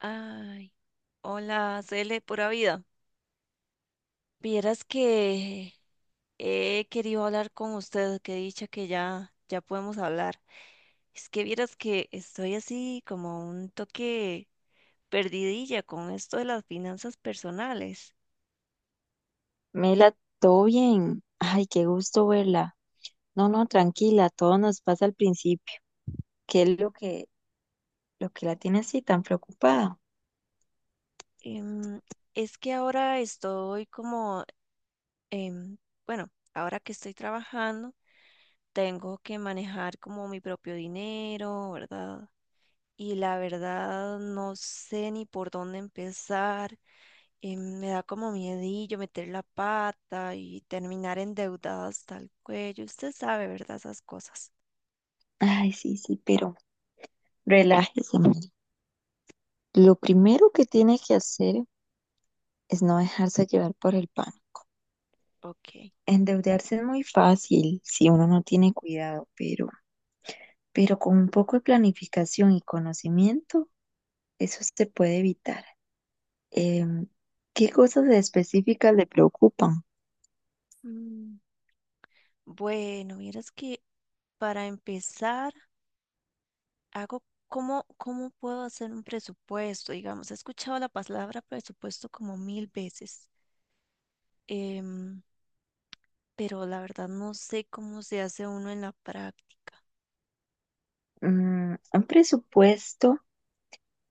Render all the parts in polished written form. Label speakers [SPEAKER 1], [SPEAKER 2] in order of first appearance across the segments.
[SPEAKER 1] Ay, hola, Cele, pura vida. Vieras que he querido hablar con usted, que dicha que ya podemos hablar. Es que vieras que estoy así como un toque perdidilla con esto de las finanzas personales.
[SPEAKER 2] Mela, todo bien. Ay, qué gusto verla. No, no, tranquila, todo nos pasa al principio. ¿Qué es lo que la tiene así tan preocupada?
[SPEAKER 1] Em, es que ahora estoy como, em, bueno, ahora que estoy trabajando, tengo que manejar como mi propio dinero, ¿verdad? Y la verdad no sé ni por dónde empezar. Me da como miedillo meter la pata y terminar endeudada hasta el cuello. Usted sabe, ¿verdad? Esas cosas.
[SPEAKER 2] Ay, sí, sí, pero relájese, Mela. Lo primero que tiene que hacer es no dejarse llevar por el pan.
[SPEAKER 1] Ok.
[SPEAKER 2] Endeudarse es muy fácil si uno no tiene cuidado, pero con un poco de planificación y conocimiento, eso se puede evitar. Em, ¿Qué cosas específicas le preocupan?
[SPEAKER 1] Mm, Bueno, vieras que para empezar, hago cómo puedo hacer un presupuesto, digamos. He escuchado la palabra presupuesto como mil veces, em, pero la verdad no sé cómo se hace uno en la práctica.
[SPEAKER 2] Un presupuesto,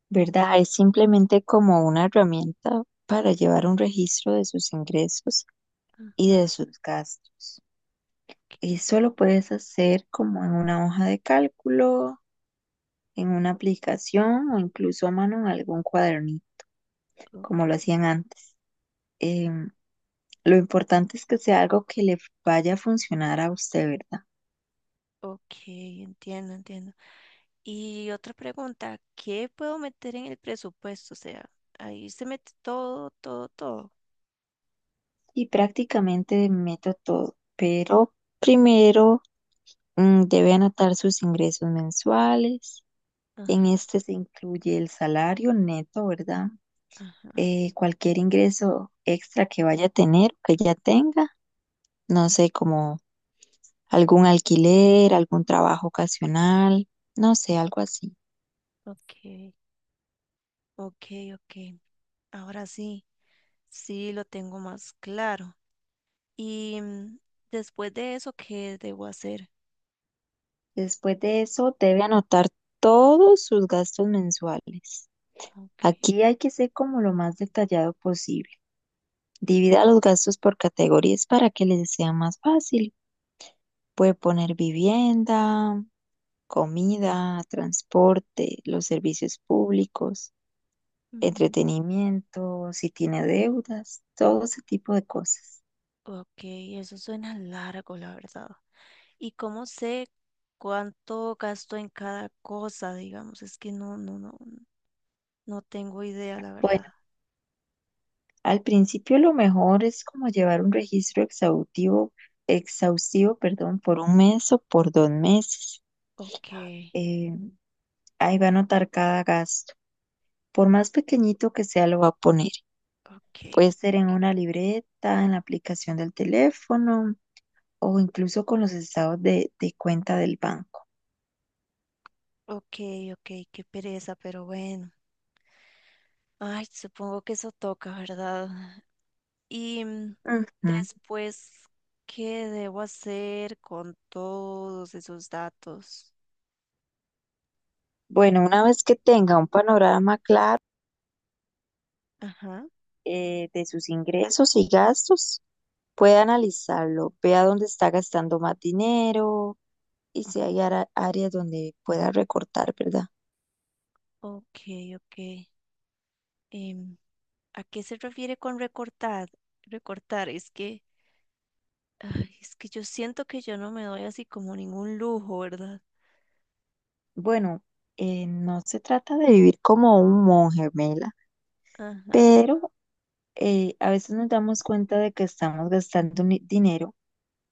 [SPEAKER 2] ¿verdad? Es simplemente como una herramienta para llevar un registro de sus ingresos y de
[SPEAKER 1] Ajá.
[SPEAKER 2] sus gastos.
[SPEAKER 1] Ok,
[SPEAKER 2] Eso lo puedes hacer como en una hoja de cálculo, en una aplicación o incluso a mano en algún cuadernito, como lo
[SPEAKER 1] ok,
[SPEAKER 2] hacían antes. Em, lo importante es que sea algo que le vaya a funcionar a usted, ¿verdad?
[SPEAKER 1] ok, entiendo. Y otra pregunta, ¿qué puedo meter en el presupuesto? O sea, ahí se mete todo, todo, todo.
[SPEAKER 2] Y prácticamente meto todo, pero primero debe anotar sus ingresos mensuales. En
[SPEAKER 1] Ah,
[SPEAKER 2] este se incluye el salario neto, ¿verdad? Cualquier ingreso extra que vaya a tener, que ya tenga, no sé, como algún alquiler, algún trabajo ocasional, no sé, algo así.
[SPEAKER 1] ok, ok, ok. Ahora sí, sí lo tengo más claro. Y después de eso, ¿qué debo hacer?
[SPEAKER 2] Después de eso, debe anotar todos sus gastos mensuales.
[SPEAKER 1] Ok,
[SPEAKER 2] Aquí hay que ser como lo más detallado posible. Divida los gastos por categorías para que les sea más fácil. Puede poner vivienda, comida, transporte, los servicios públicos,
[SPEAKER 1] mm,
[SPEAKER 2] entretenimiento, si tiene deudas, todo ese tipo de cosas.
[SPEAKER 1] ok, eso suena largo, la verdad. ¿Y cómo sé cuánto gasto en cada cosa, digamos? Es que no tengo idea, la verdad.
[SPEAKER 2] Bueno, al principio lo mejor es como llevar un registro perdón, por un mes o por dos meses.
[SPEAKER 1] Ok,
[SPEAKER 2] Eh, Ahí va a anotar cada gasto. Por más pequeñito que sea, lo va a poner.
[SPEAKER 1] ok.
[SPEAKER 2] Puede ser en una libreta, en la aplicación del teléfono o incluso con los estados de cuenta del banco.
[SPEAKER 1] Ok, ok, qué pereza, pero bueno. Ay, supongo que eso toca, ¿verdad? Y
[SPEAKER 2] Ujú.
[SPEAKER 1] después, ¿qué debo hacer con todos esos datos?
[SPEAKER 2] Bueno, una vez que tenga un panorama claro
[SPEAKER 1] Ajá,
[SPEAKER 2] de sus ingresos y gastos, puede analizarlo, vea dónde está gastando más dinero y si hay áreas donde pueda recortar, ¿verdad?
[SPEAKER 1] ok, ok. Em, ¿A qué se refiere con recortar? Recortar, es que, ay, es que yo siento que yo no me doy así como ningún lujo, ¿verdad?
[SPEAKER 2] Bueno, no se trata de vivir como un monje, Mela,
[SPEAKER 1] Ajá,
[SPEAKER 2] pero a veces nos damos cuenta de que estamos gastando dinero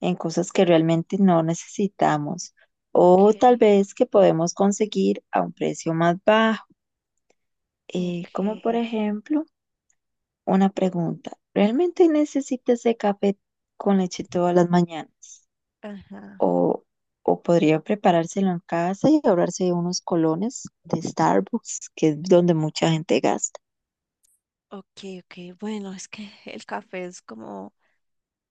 [SPEAKER 2] en cosas que realmente no necesitamos o
[SPEAKER 1] ok,
[SPEAKER 2] tal vez que podemos conseguir a un precio más bajo, como por
[SPEAKER 1] ok,
[SPEAKER 2] ejemplo. Una pregunta, ¿realmente necesita ese café con leche todas las mañanas?
[SPEAKER 1] ajá.
[SPEAKER 2] ¿O, o podría preparárselo en casa y ahorrarse de unos colones de Starbucks, que es donde mucha gente gasta?
[SPEAKER 1] Ok, ok, bueno, es que el café es como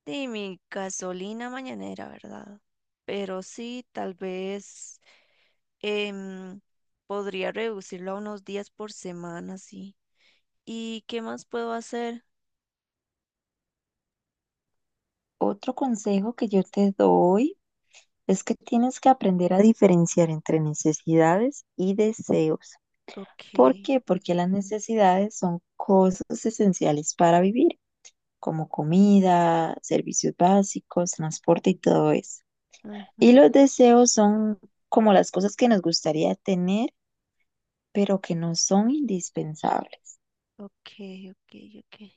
[SPEAKER 1] sí, mi gasolina mañanera, ¿verdad? Pero sí, tal vez em, podría reducirlo a unos días por semana, sí. ¿Y qué más puedo hacer?
[SPEAKER 2] Otro consejo que yo te doy es que tienes que aprender a diferenciar entre necesidades y deseos.
[SPEAKER 1] Ok,
[SPEAKER 2] ¿Por qué? Porque las necesidades son cosas esenciales para vivir, como comida, servicios básicos, transporte y todo eso. Y
[SPEAKER 1] ajá,
[SPEAKER 2] los deseos son como las cosas que nos gustaría tener, pero que no son indispensables.
[SPEAKER 1] ok, ok, ok.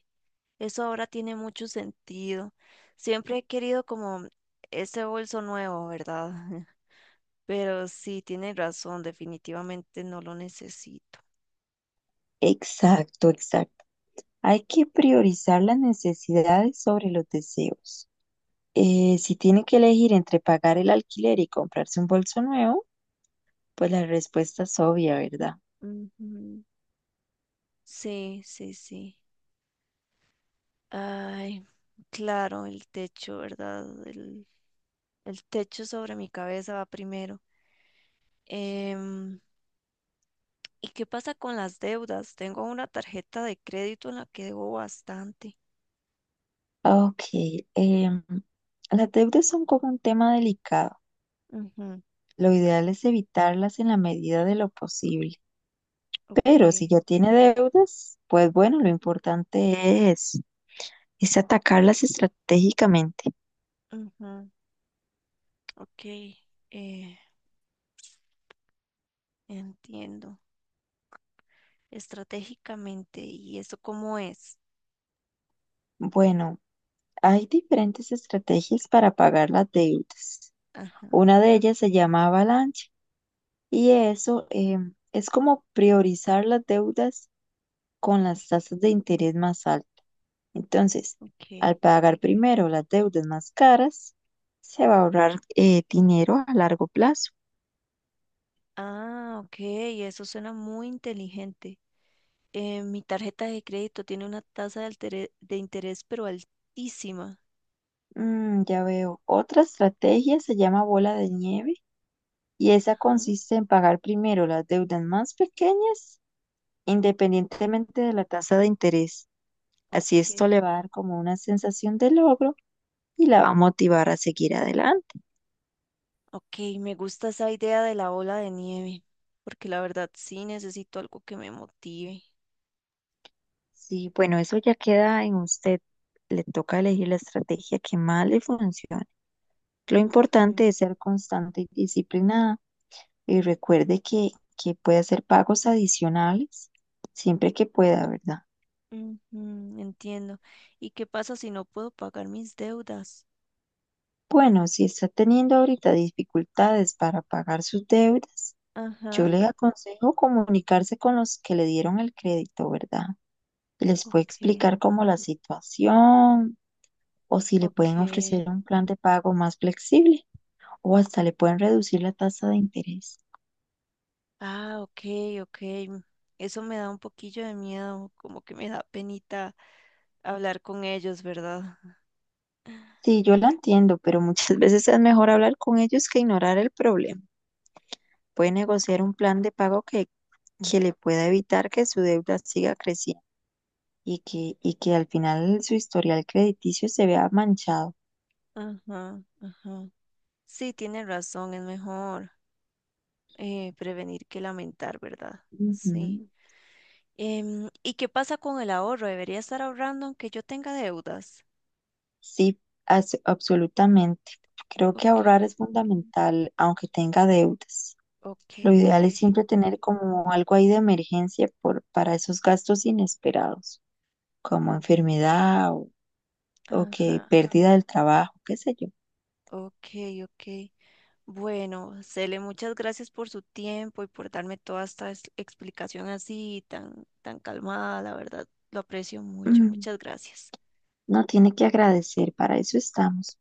[SPEAKER 1] Eso ahora tiene mucho sentido. Siempre he querido como ese bolso nuevo, ¿verdad? Pero sí, tiene razón, definitivamente no lo necesito.
[SPEAKER 2] Exacto, exacto. Hay que priorizar las necesidades sobre los deseos. Si tiene que elegir entre pagar el alquiler y comprarse un bolso nuevo, pues la respuesta es obvia, ¿verdad?
[SPEAKER 1] Ujú. Sí, sí, sí. Ay, claro, el techo, ¿verdad? El techo sobre mi cabeza va primero. Em, ¿Y qué pasa con las deudas? Tengo una tarjeta de crédito en la que debo bastante.
[SPEAKER 2] Ok, em, las deudas son como un tema delicado.
[SPEAKER 1] Ujú,
[SPEAKER 2] Lo ideal es evitarlas en la medida de lo posible.
[SPEAKER 1] ok,
[SPEAKER 2] Pero si ya tiene deudas, pues bueno, lo importante es atacarlas estratégicamente.
[SPEAKER 1] ujú, ok, eh, entiendo. Estratégicamente. ¿Y eso cómo es?
[SPEAKER 2] Bueno, hay diferentes estrategias para pagar las deudas.
[SPEAKER 1] Ah,
[SPEAKER 2] Una de ellas se llama avalancha y eso es como priorizar las deudas con las tasas de interés más altas. Entonces,
[SPEAKER 1] ok.
[SPEAKER 2] al pagar primero las deudas más caras, se va a ahorrar dinero a largo plazo.
[SPEAKER 1] Ah, ok, eso suena muy inteligente. Mi tarjeta de crédito tiene una tasa de interés, pero altísima.
[SPEAKER 2] Mm, ya veo. Otra estrategia se llama bola de nieve y esa
[SPEAKER 1] Ajá,
[SPEAKER 2] consiste en pagar primero las deudas más pequeñas independientemente de la tasa de interés. Así
[SPEAKER 1] ok.
[SPEAKER 2] esto le va a dar como una sensación de logro y la va a motivar a seguir adelante.
[SPEAKER 1] Ok, me gusta esa idea de la bola de nieve, porque la verdad sí necesito algo que me motive.
[SPEAKER 2] Sí, bueno, eso ya queda en usted. Le toca elegir la estrategia que más le funcione. Lo
[SPEAKER 1] Ujú,
[SPEAKER 2] importante es ser constante y disciplinada y recuerde que puede hacer pagos adicionales siempre que pueda, ¿verdad?
[SPEAKER 1] ujú, entiendo. ¿Y qué pasa si no puedo pagar mis deudas?
[SPEAKER 2] Bueno, si está teniendo ahorita dificultades para pagar sus deudas,
[SPEAKER 1] Ajá,
[SPEAKER 2] yo les aconsejo comunicarse con los que le dieron el crédito, ¿verdad? Les puede
[SPEAKER 1] ok,
[SPEAKER 2] explicar cómo la situación o si le pueden ofrecer
[SPEAKER 1] ok.
[SPEAKER 2] un plan de pago más flexible o hasta le pueden reducir la tasa de interés.
[SPEAKER 1] Ah, ok, ok. Eso me da un poquillo de miedo, como que me da penita hablar con ellos, ¿verdad?
[SPEAKER 2] Sí, yo la entiendo, pero muchas veces es mejor hablar con ellos que ignorar el problema. Puede negociar un plan de pago que le pueda evitar que su deuda siga creciendo y que al final su historial crediticio se vea manchado.
[SPEAKER 1] Ajá, ajá. Sí, tiene razón, es mejor prevenir que lamentar, ¿verdad? Sí.
[SPEAKER 2] Ujú.
[SPEAKER 1] ¿Y qué pasa con el ahorro? ¿Debería estar ahorrando aunque yo tenga deudas?
[SPEAKER 2] Sí, absolutamente. Creo que
[SPEAKER 1] Ok,
[SPEAKER 2] ahorrar es fundamental, aunque tenga deudas.
[SPEAKER 1] ok,
[SPEAKER 2] Lo
[SPEAKER 1] ok.
[SPEAKER 2] ideal es siempre tener como algo ahí de emergencia para esos gastos inesperados, como
[SPEAKER 1] O-
[SPEAKER 2] enfermedad o que
[SPEAKER 1] ajá,
[SPEAKER 2] pérdida del trabajo, qué sé yo.
[SPEAKER 1] ok, ok. Bueno, Cele, muchas gracias por su tiempo y por darme toda esta explicación así tan calmada, la verdad, lo aprecio mucho.
[SPEAKER 2] Mm,
[SPEAKER 1] Muchas gracias.
[SPEAKER 2] no tiene que agradecer, para eso estamos.